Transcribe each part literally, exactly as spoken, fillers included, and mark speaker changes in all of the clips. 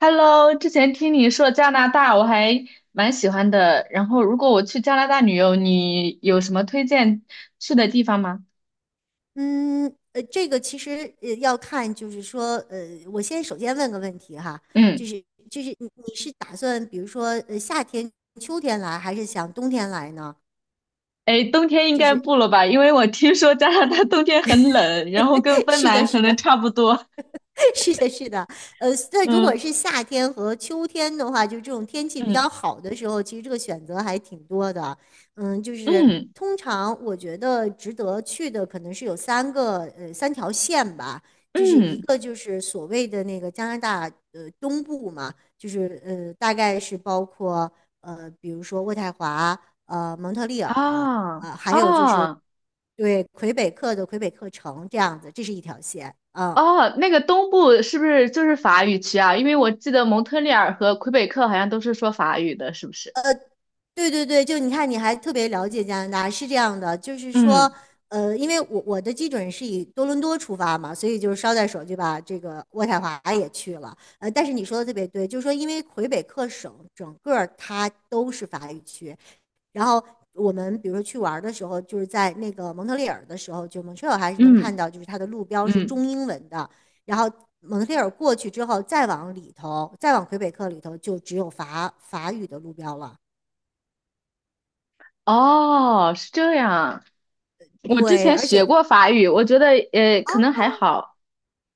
Speaker 1: Hello，之前听你说加拿大，我还蛮喜欢的。然后，如果我去加拿大旅游，你有什么推荐去的地方吗？
Speaker 2: 嗯，呃，这个其实呃要看，就是说，呃，我先首先问个问题哈，就
Speaker 1: 嗯。
Speaker 2: 是就是你你是打算，比如说，呃，夏天、秋天来，还是想冬天来呢？
Speaker 1: 哎，冬天应
Speaker 2: 就
Speaker 1: 该
Speaker 2: 是
Speaker 1: 不了吧？因为我听说加拿大冬天很冷，然后跟 芬
Speaker 2: 是的，
Speaker 1: 兰可
Speaker 2: 是
Speaker 1: 能
Speaker 2: 的，
Speaker 1: 差不多。
Speaker 2: 是的，是的，呃，那如果
Speaker 1: 嗯。
Speaker 2: 是夏天和秋天的话，就这种天气比
Speaker 1: 嗯
Speaker 2: 较好的时候，其实这个选择还挺多的。嗯，就是
Speaker 1: 嗯
Speaker 2: 通常我觉得值得去的可能是有三个呃三条线吧，就是一
Speaker 1: 嗯，
Speaker 2: 个就是所谓的那个加拿大呃东部嘛，就是呃大概是包括呃比如说渥太华、呃蒙特利尔，
Speaker 1: 啊
Speaker 2: 呃还有就是
Speaker 1: 啊
Speaker 2: 对魁北克的魁北克城这样子，这是一条线啊。
Speaker 1: 啊！那个东部是不是就是法语区啊？因为我记得蒙特利尔和魁北克好像都是说法语的，是不是？
Speaker 2: 对对对，就你看，你还特别了解加拿大，是这样的，就是说，
Speaker 1: 嗯
Speaker 2: 呃，因为我我的基准是以多伦多出发嘛，所以就是捎带手就把这个渥太华也去了。呃，但是你说的特别对，就是说，因为魁北克省整个儿它都是法语区，然后我们比如说去玩儿的时候，就是在那个蒙特利尔的时候，就蒙特利尔还是能看
Speaker 1: 嗯
Speaker 2: 到，就是它的路标是
Speaker 1: 嗯。
Speaker 2: 中英文的。然后蒙特利尔过去之后，再往里头，再往魁北克里头，就只有法法语的路标了。
Speaker 1: 哦，是这样。我之
Speaker 2: 对，
Speaker 1: 前
Speaker 2: 而
Speaker 1: 学
Speaker 2: 且
Speaker 1: 过法语，我觉得呃可能还好。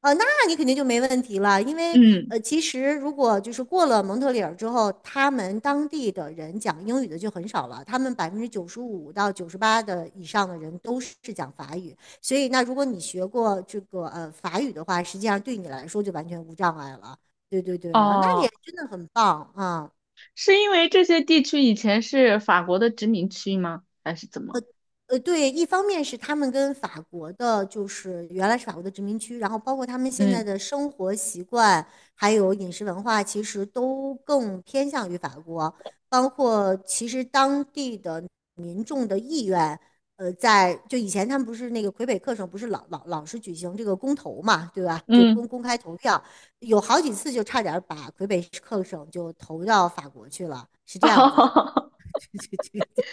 Speaker 2: 呃，那你肯定就没问题了，因为
Speaker 1: 嗯。
Speaker 2: 呃，其实如果就是过了蒙特利尔之后，他们当地的人讲英语的就很少了，他们百分之九十五到九十八的以上的人都是讲法语，所以那如果你学过这个呃法语的话，实际上对你来说就完全无障碍了。对对对啊，那你
Speaker 1: 哦，
Speaker 2: 真的很棒啊！
Speaker 1: 是因为这些地区以前是法国的殖民区吗？还是怎么？
Speaker 2: 呃，对，一方面是他们跟法国的，就是原来是法国的殖民区，然后包括他们现在
Speaker 1: 嗯
Speaker 2: 的生活习惯，还有饮食文化，其实都更偏向于法国。包括其实当地的民众的意愿，呃，在就以前他们不是那个魁北克省不是老老老是举行这个公投嘛，对吧？就公
Speaker 1: 嗯，
Speaker 2: 公开投票，有好几次就差点把魁北克省就投到法国去了，是这 样子。
Speaker 1: 哦。
Speaker 2: 对对对。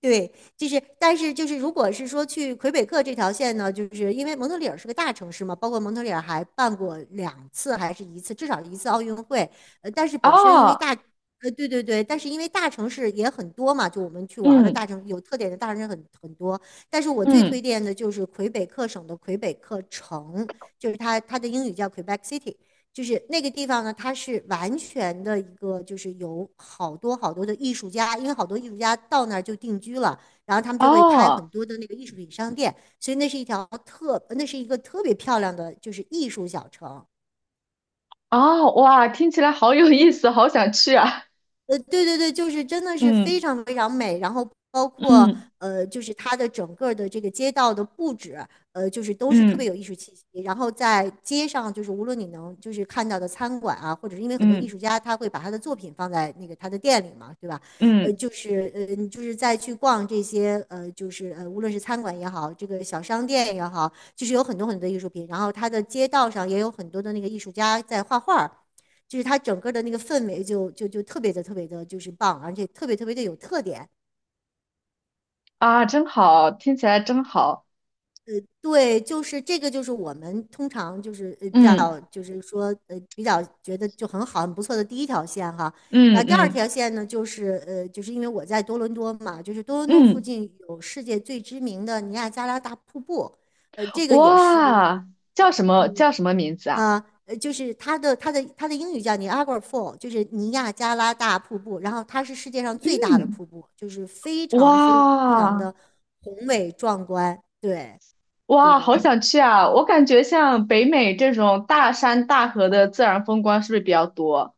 Speaker 2: 对，就是，但是就是，如果是说去魁北克这条线呢，就是因为蒙特利尔是个大城市嘛，包括蒙特利尔还办过两次还是一次，至少一次奥运会。呃，但是本身因为
Speaker 1: 哦
Speaker 2: 大，呃，对对对，但是因为大城市也很多嘛，就我们去玩儿的大
Speaker 1: 嗯
Speaker 2: 城有特点的大城市很很多。但是我最推
Speaker 1: 嗯
Speaker 2: 荐的就是魁北克省的魁北克城，就是它它的英语叫 Quebec City。就是那个地方呢，它是完全的一个，就是有好多好多的艺术家，因为好多艺术家到那儿就定居了，然后他们就会开很
Speaker 1: 哦
Speaker 2: 多的那个艺术品商店，所以那是一条特，那是一个特别漂亮的，就是艺术小城。
Speaker 1: 哦，哇，听起来好有意思，好想去啊！
Speaker 2: 呃，对对对，就是真的是非
Speaker 1: 嗯
Speaker 2: 常非常美，然后包括
Speaker 1: 嗯
Speaker 2: 呃，就是它的整个的这个街道的布置，呃，就是都是特别
Speaker 1: 嗯
Speaker 2: 有艺术气息。然后在街上，就是无论你能就是看到的餐馆啊，或者是因为很多艺术
Speaker 1: 嗯
Speaker 2: 家他会把他的作品放在那个他的店里嘛，对吧？呃，
Speaker 1: 嗯
Speaker 2: 就是呃，你就是再去逛这些呃，就是呃，无论是餐馆也好，这个小商店也好，就是有很多很多的艺术品。然后它的街道上也有很多的那个艺术家在画画。就是它整个的那个氛围就就就特别的特别的，就是棒，而且特别特别的有特点。
Speaker 1: 啊，真好，听起来真好。
Speaker 2: 对，就是这个，就是我们通常就是呃比
Speaker 1: 嗯
Speaker 2: 较就是说呃比较觉得就很好很不错的第一条线哈。然
Speaker 1: 嗯
Speaker 2: 后第二条
Speaker 1: 嗯
Speaker 2: 线呢，就是呃就是因为我在多伦多嘛，就是多伦多附
Speaker 1: 嗯
Speaker 2: 近有世界最知名的尼亚加拉大瀑布，呃这个也是
Speaker 1: 哇，叫什么
Speaker 2: 嗯
Speaker 1: 叫什么名字啊？
Speaker 2: 啊，呃就是它的它的它的英语叫 Niagara Fall，就是尼亚加拉大瀑布。然后它是世界上最大的
Speaker 1: 嗯。
Speaker 2: 瀑布，就是非常非常
Speaker 1: 哇。
Speaker 2: 的宏伟壮观。对，对
Speaker 1: 哇，
Speaker 2: 对
Speaker 1: 好
Speaker 2: 对，
Speaker 1: 想去啊！我感觉像北美这种大山大河的自然风光是不是比较多？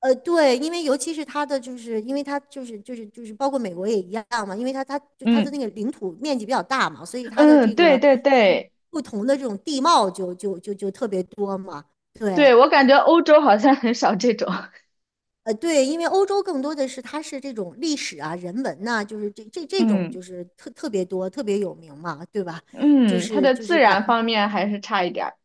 Speaker 2: 呃，对，因为尤其是它的，就是因为它就是就是就是包括美国也一样嘛，因为它它就它的
Speaker 1: 嗯。
Speaker 2: 那个领土面积比较大嘛，所以它的
Speaker 1: 嗯，
Speaker 2: 这
Speaker 1: 对
Speaker 2: 个
Speaker 1: 对
Speaker 2: 就是
Speaker 1: 对
Speaker 2: 不同的这种地貌就就就就特别多嘛。对，
Speaker 1: 对，我感觉欧洲好像很少这种。
Speaker 2: 呃，对，因为欧洲更多的是它是这种历史啊、人文呐、就是这这 这种就
Speaker 1: 嗯。
Speaker 2: 是特特别多、特别有名嘛，对吧？就
Speaker 1: 嗯，它
Speaker 2: 是
Speaker 1: 的
Speaker 2: 就
Speaker 1: 自
Speaker 2: 是感
Speaker 1: 然方面还是差一点儿。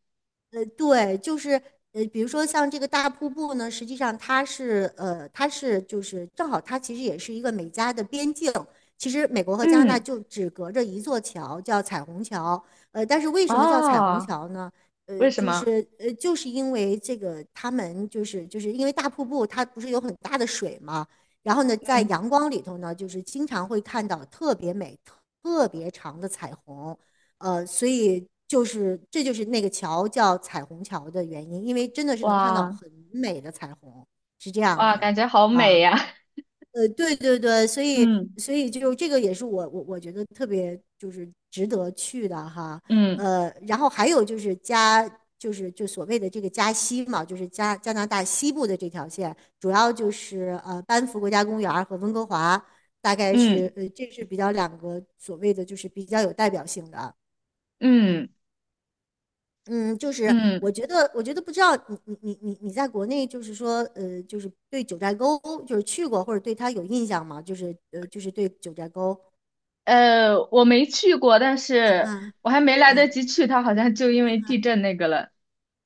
Speaker 2: 呃对，就是呃，比如说像这个大瀑布呢，实际上它是呃，它是就是正好它其实也是一个美加的边境。其实美国和加拿大
Speaker 1: 嗯。
Speaker 2: 就只隔着一座桥，叫彩虹桥。呃，但是为什么叫彩虹
Speaker 1: 啊，
Speaker 2: 桥呢？呃，
Speaker 1: 为什
Speaker 2: 就
Speaker 1: 么？
Speaker 2: 是呃，就是因为这个他们就是就是因为大瀑布它不是有很大的水嘛，然后呢，在
Speaker 1: 嗯。
Speaker 2: 阳光里头呢，就是经常会看到特别美、特别长的彩虹。呃，所以就是这就是那个桥叫彩虹桥的原因，因为真的是能看到
Speaker 1: 哇。
Speaker 2: 很美的彩虹，是这样
Speaker 1: 哇，
Speaker 2: 子
Speaker 1: 感
Speaker 2: 啊。
Speaker 1: 觉好美呀！
Speaker 2: 呃，对对对，所以所以就这个也是我我我觉得特别就是值得去的哈。
Speaker 1: 嗯。
Speaker 2: 呃，然后还有就是加就是就所谓的这个加西嘛，就是加加拿大西部的这条线，主要就是呃班夫国家公园儿和温哥华，大概是
Speaker 1: 嗯，
Speaker 2: 呃这是比较两个所谓的就是比较有代表性的。
Speaker 1: 嗯
Speaker 2: 嗯，就是
Speaker 1: 嗯
Speaker 2: 我
Speaker 1: 嗯
Speaker 2: 觉得，我觉得不知道你你你你你在国内，就是说，呃，就是对九寨沟就是去过或者对它有印象吗？就是呃，就是对九寨沟，
Speaker 1: 呃，我没去过，但是
Speaker 2: 嗯
Speaker 1: 我还没来得
Speaker 2: 嗯。
Speaker 1: 及去，它好像就因为地震那个了。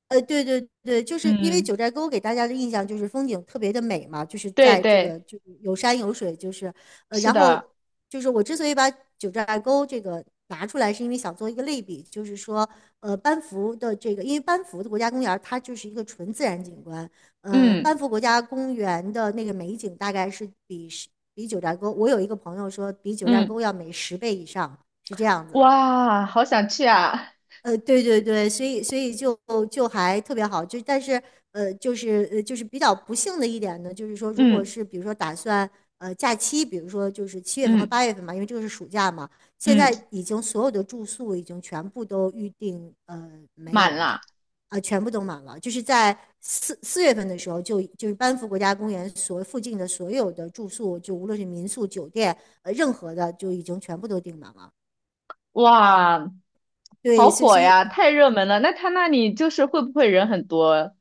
Speaker 2: 呃，对对对，就是因为
Speaker 1: 嗯，
Speaker 2: 九寨沟给大家的印象就是风景特别的美嘛，就是
Speaker 1: 对
Speaker 2: 在这
Speaker 1: 对，
Speaker 2: 个就是有山有水，就是呃，
Speaker 1: 是
Speaker 2: 然后
Speaker 1: 的。
Speaker 2: 就是我之所以把九寨沟这个拿出来，是因为想做一个类比，就是说呃，班夫的这个，因为班夫的国家公园儿它就是一个纯自然景观，嗯、呃
Speaker 1: 嗯
Speaker 2: 班夫国家公园的那个美景大概是比比九寨沟，我有一个朋友说比九寨沟
Speaker 1: 嗯，
Speaker 2: 要美十倍以上，是这样子啊。
Speaker 1: 哇，好想去啊！
Speaker 2: 呃，对对对，所以所以就就还特别好，就但是呃，就是呃，就是比较不幸的一点呢，就是说，如果
Speaker 1: 嗯。
Speaker 2: 是比如说打算呃假期，比如说就是七月份和
Speaker 1: 嗯，
Speaker 2: 八月份嘛，因为这个是暑假嘛，现
Speaker 1: 嗯，
Speaker 2: 在已经所有的住宿已经全部都预定呃没
Speaker 1: 满
Speaker 2: 有了，
Speaker 1: 了。
Speaker 2: 啊、全部都满了，就是在四四月份的时候就就是班夫国家公园所附近的所有的住宿，就无论是民宿、酒店，呃，任何的就已经全部都订满了。
Speaker 1: 哇，好
Speaker 2: 对，所以
Speaker 1: 火
Speaker 2: 所以
Speaker 1: 呀，太热门了。那他那里就是会不会人很多？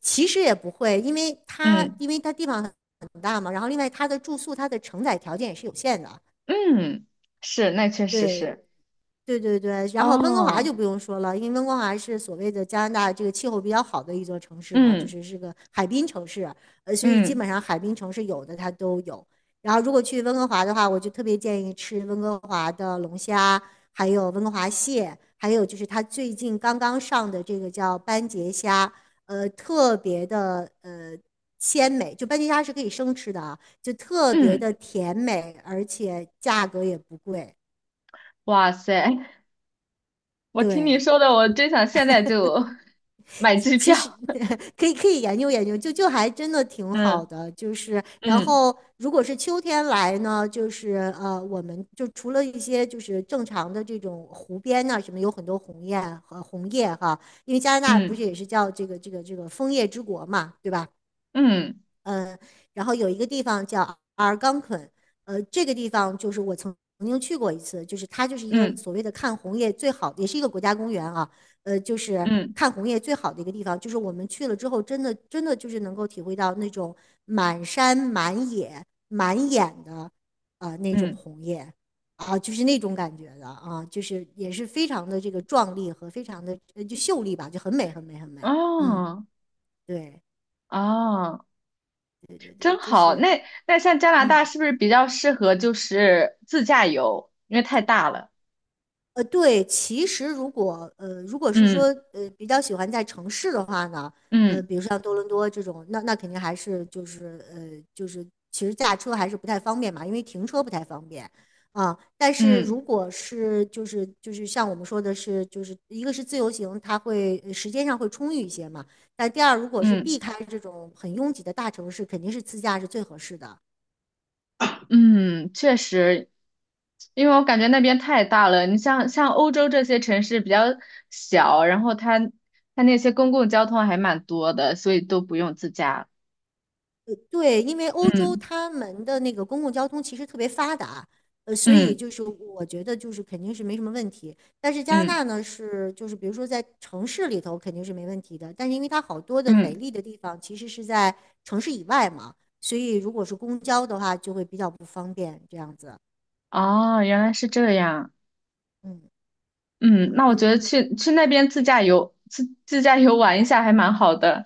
Speaker 2: 其实也不会，因为它
Speaker 1: 嗯。
Speaker 2: 因为它地方很大嘛，然后另外它的住宿它的承载条件也是有限的。
Speaker 1: 嗯，是，那确实
Speaker 2: 对，
Speaker 1: 是。
Speaker 2: 对对对，然后温哥华
Speaker 1: 哦。
Speaker 2: 就不用说了，因为温哥华是所谓的加拿大这个气候比较好的一座城市嘛，就
Speaker 1: 嗯
Speaker 2: 是是个海滨城市，呃，所以基
Speaker 1: 嗯
Speaker 2: 本上海滨城市有的它都有。然后如果去温哥华的话，我就特别建议吃温哥华的龙虾，还有温哥华蟹，还有就是它最近刚刚上的这个叫斑节虾，呃，特别的呃鲜美，就斑节虾是可以生吃的啊，就特别
Speaker 1: 嗯，
Speaker 2: 的甜美，而且价格也不贵。
Speaker 1: 哇塞，我听你
Speaker 2: 对，
Speaker 1: 说的，我真想现在就 买机票
Speaker 2: 其实 可以可以研究研究，就就还真的挺 好
Speaker 1: 嗯
Speaker 2: 的。就是然
Speaker 1: 嗯
Speaker 2: 后如果是秋天来呢，就是呃，我们就除了一些就是正常的这种湖边呐、什么，有很多红叶和红叶哈，因为加拿大不是
Speaker 1: 嗯
Speaker 2: 也是叫这个这个这个枫叶之国嘛，对吧？
Speaker 1: 嗯
Speaker 2: 嗯，然后有一个地方叫阿尔冈昆，呃，这个地方就是我曾曾经去过一次，就是它就是一个
Speaker 1: 嗯
Speaker 2: 所谓的看红叶最好，也是一个国家公园啊，呃，就是
Speaker 1: 嗯
Speaker 2: 看红叶最好的一个地方，就是我们去了之后，真的真的就是能够体会到那种满山满野满眼的啊呃那种
Speaker 1: 嗯，
Speaker 2: 红叶。啊，就是那种感觉的啊，就是也是非常的这个壮丽和非常的呃就秀丽吧，就很美很美很美。嗯，
Speaker 1: 哦。
Speaker 2: 对
Speaker 1: 哦，
Speaker 2: 对，
Speaker 1: 真
Speaker 2: 这
Speaker 1: 好。
Speaker 2: 是
Speaker 1: 那那像加拿
Speaker 2: 嗯。
Speaker 1: 大是不是比较适合就是自驾游？因为太大了。
Speaker 2: 呃，对，其实如果呃，如果是
Speaker 1: 嗯
Speaker 2: 说呃比较喜欢在城市的话呢，呃，
Speaker 1: 嗯
Speaker 2: 比如像多伦多这种，那那肯定还是就是呃就是其实驾车还是不太方便嘛，因为停车不太方便啊。但是
Speaker 1: 嗯
Speaker 2: 如果是就是就是像我们说的是，就是一个是自由行，它会呃时间上会充裕一些嘛。但第二，如果是
Speaker 1: 嗯
Speaker 2: 避开这种很拥挤的大城市，肯定是自驾是最合适的。
Speaker 1: 嗯，确实，因为我感觉那边太大了。你像像欧洲这些城市比较小，然后它它那些公共交通还蛮多的，所以都不用自驾。
Speaker 2: 对，因为欧洲
Speaker 1: 嗯。
Speaker 2: 他们的那个公共交通其实特别发达，呃，所以
Speaker 1: 嗯
Speaker 2: 就是我觉得就是肯定是没什么问题。但是加拿
Speaker 1: 嗯
Speaker 2: 大呢是就是比如说在城市里头肯定是没问题的，但是因为它好多的美
Speaker 1: 嗯，
Speaker 2: 丽的地方其实是在城市以外嘛，所以如果是公交的话就会比较不方便这样子。
Speaker 1: 哦，原来是这样。
Speaker 2: 嗯
Speaker 1: 嗯，那我觉得
Speaker 2: 嗯，
Speaker 1: 去去那边自驾游，自自驾游玩一下还蛮好的。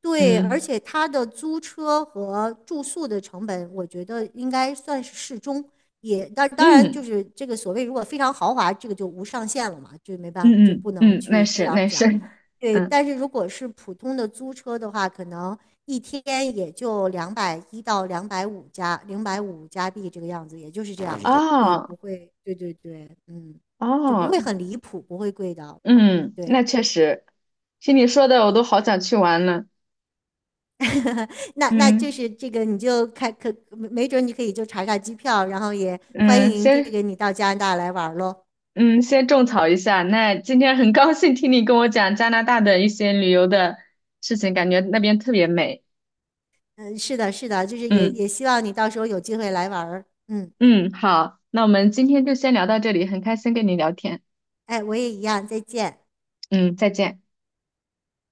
Speaker 2: 对，而
Speaker 1: 嗯
Speaker 2: 且它的租车和住宿的成本，我觉得应该算是适中。也，当当然就
Speaker 1: 嗯
Speaker 2: 是这个所谓如果非常豪华，这个就无上限了嘛，就没办法就
Speaker 1: 嗯
Speaker 2: 不能
Speaker 1: 嗯嗯，那
Speaker 2: 去这
Speaker 1: 是
Speaker 2: 样
Speaker 1: 那
Speaker 2: 讲。
Speaker 1: 是。
Speaker 2: 对，
Speaker 1: 嗯。
Speaker 2: 但是如果是普通的租车的话，可能一天也就两百一到两百五加零百五加币这个样子，也就是这样了，也
Speaker 1: 哦。
Speaker 2: 不会，对对对，嗯，就不
Speaker 1: 哦，
Speaker 2: 会很离谱，不会贵的，
Speaker 1: 嗯，
Speaker 2: 对。
Speaker 1: 那确实，听你说的我都好想去玩了。
Speaker 2: 那那就
Speaker 1: 嗯，
Speaker 2: 是这个，你就开可没准你可以就查查机票，然后也欢
Speaker 1: 嗯，
Speaker 2: 迎这
Speaker 1: 先
Speaker 2: 个你到加拿大来玩喽。
Speaker 1: 嗯先种草一下。那今天很高兴听你跟我讲加拿大的一些旅游的事情，感觉那边特别美。
Speaker 2: 嗯，是的，是的，就是也
Speaker 1: 嗯。
Speaker 2: 也希望你到时候有机会来玩儿。嗯，
Speaker 1: 嗯，好，那我们今天就先聊到这里，很开心跟你聊天。
Speaker 2: 哎，我也一样，再见。
Speaker 1: 嗯，再见。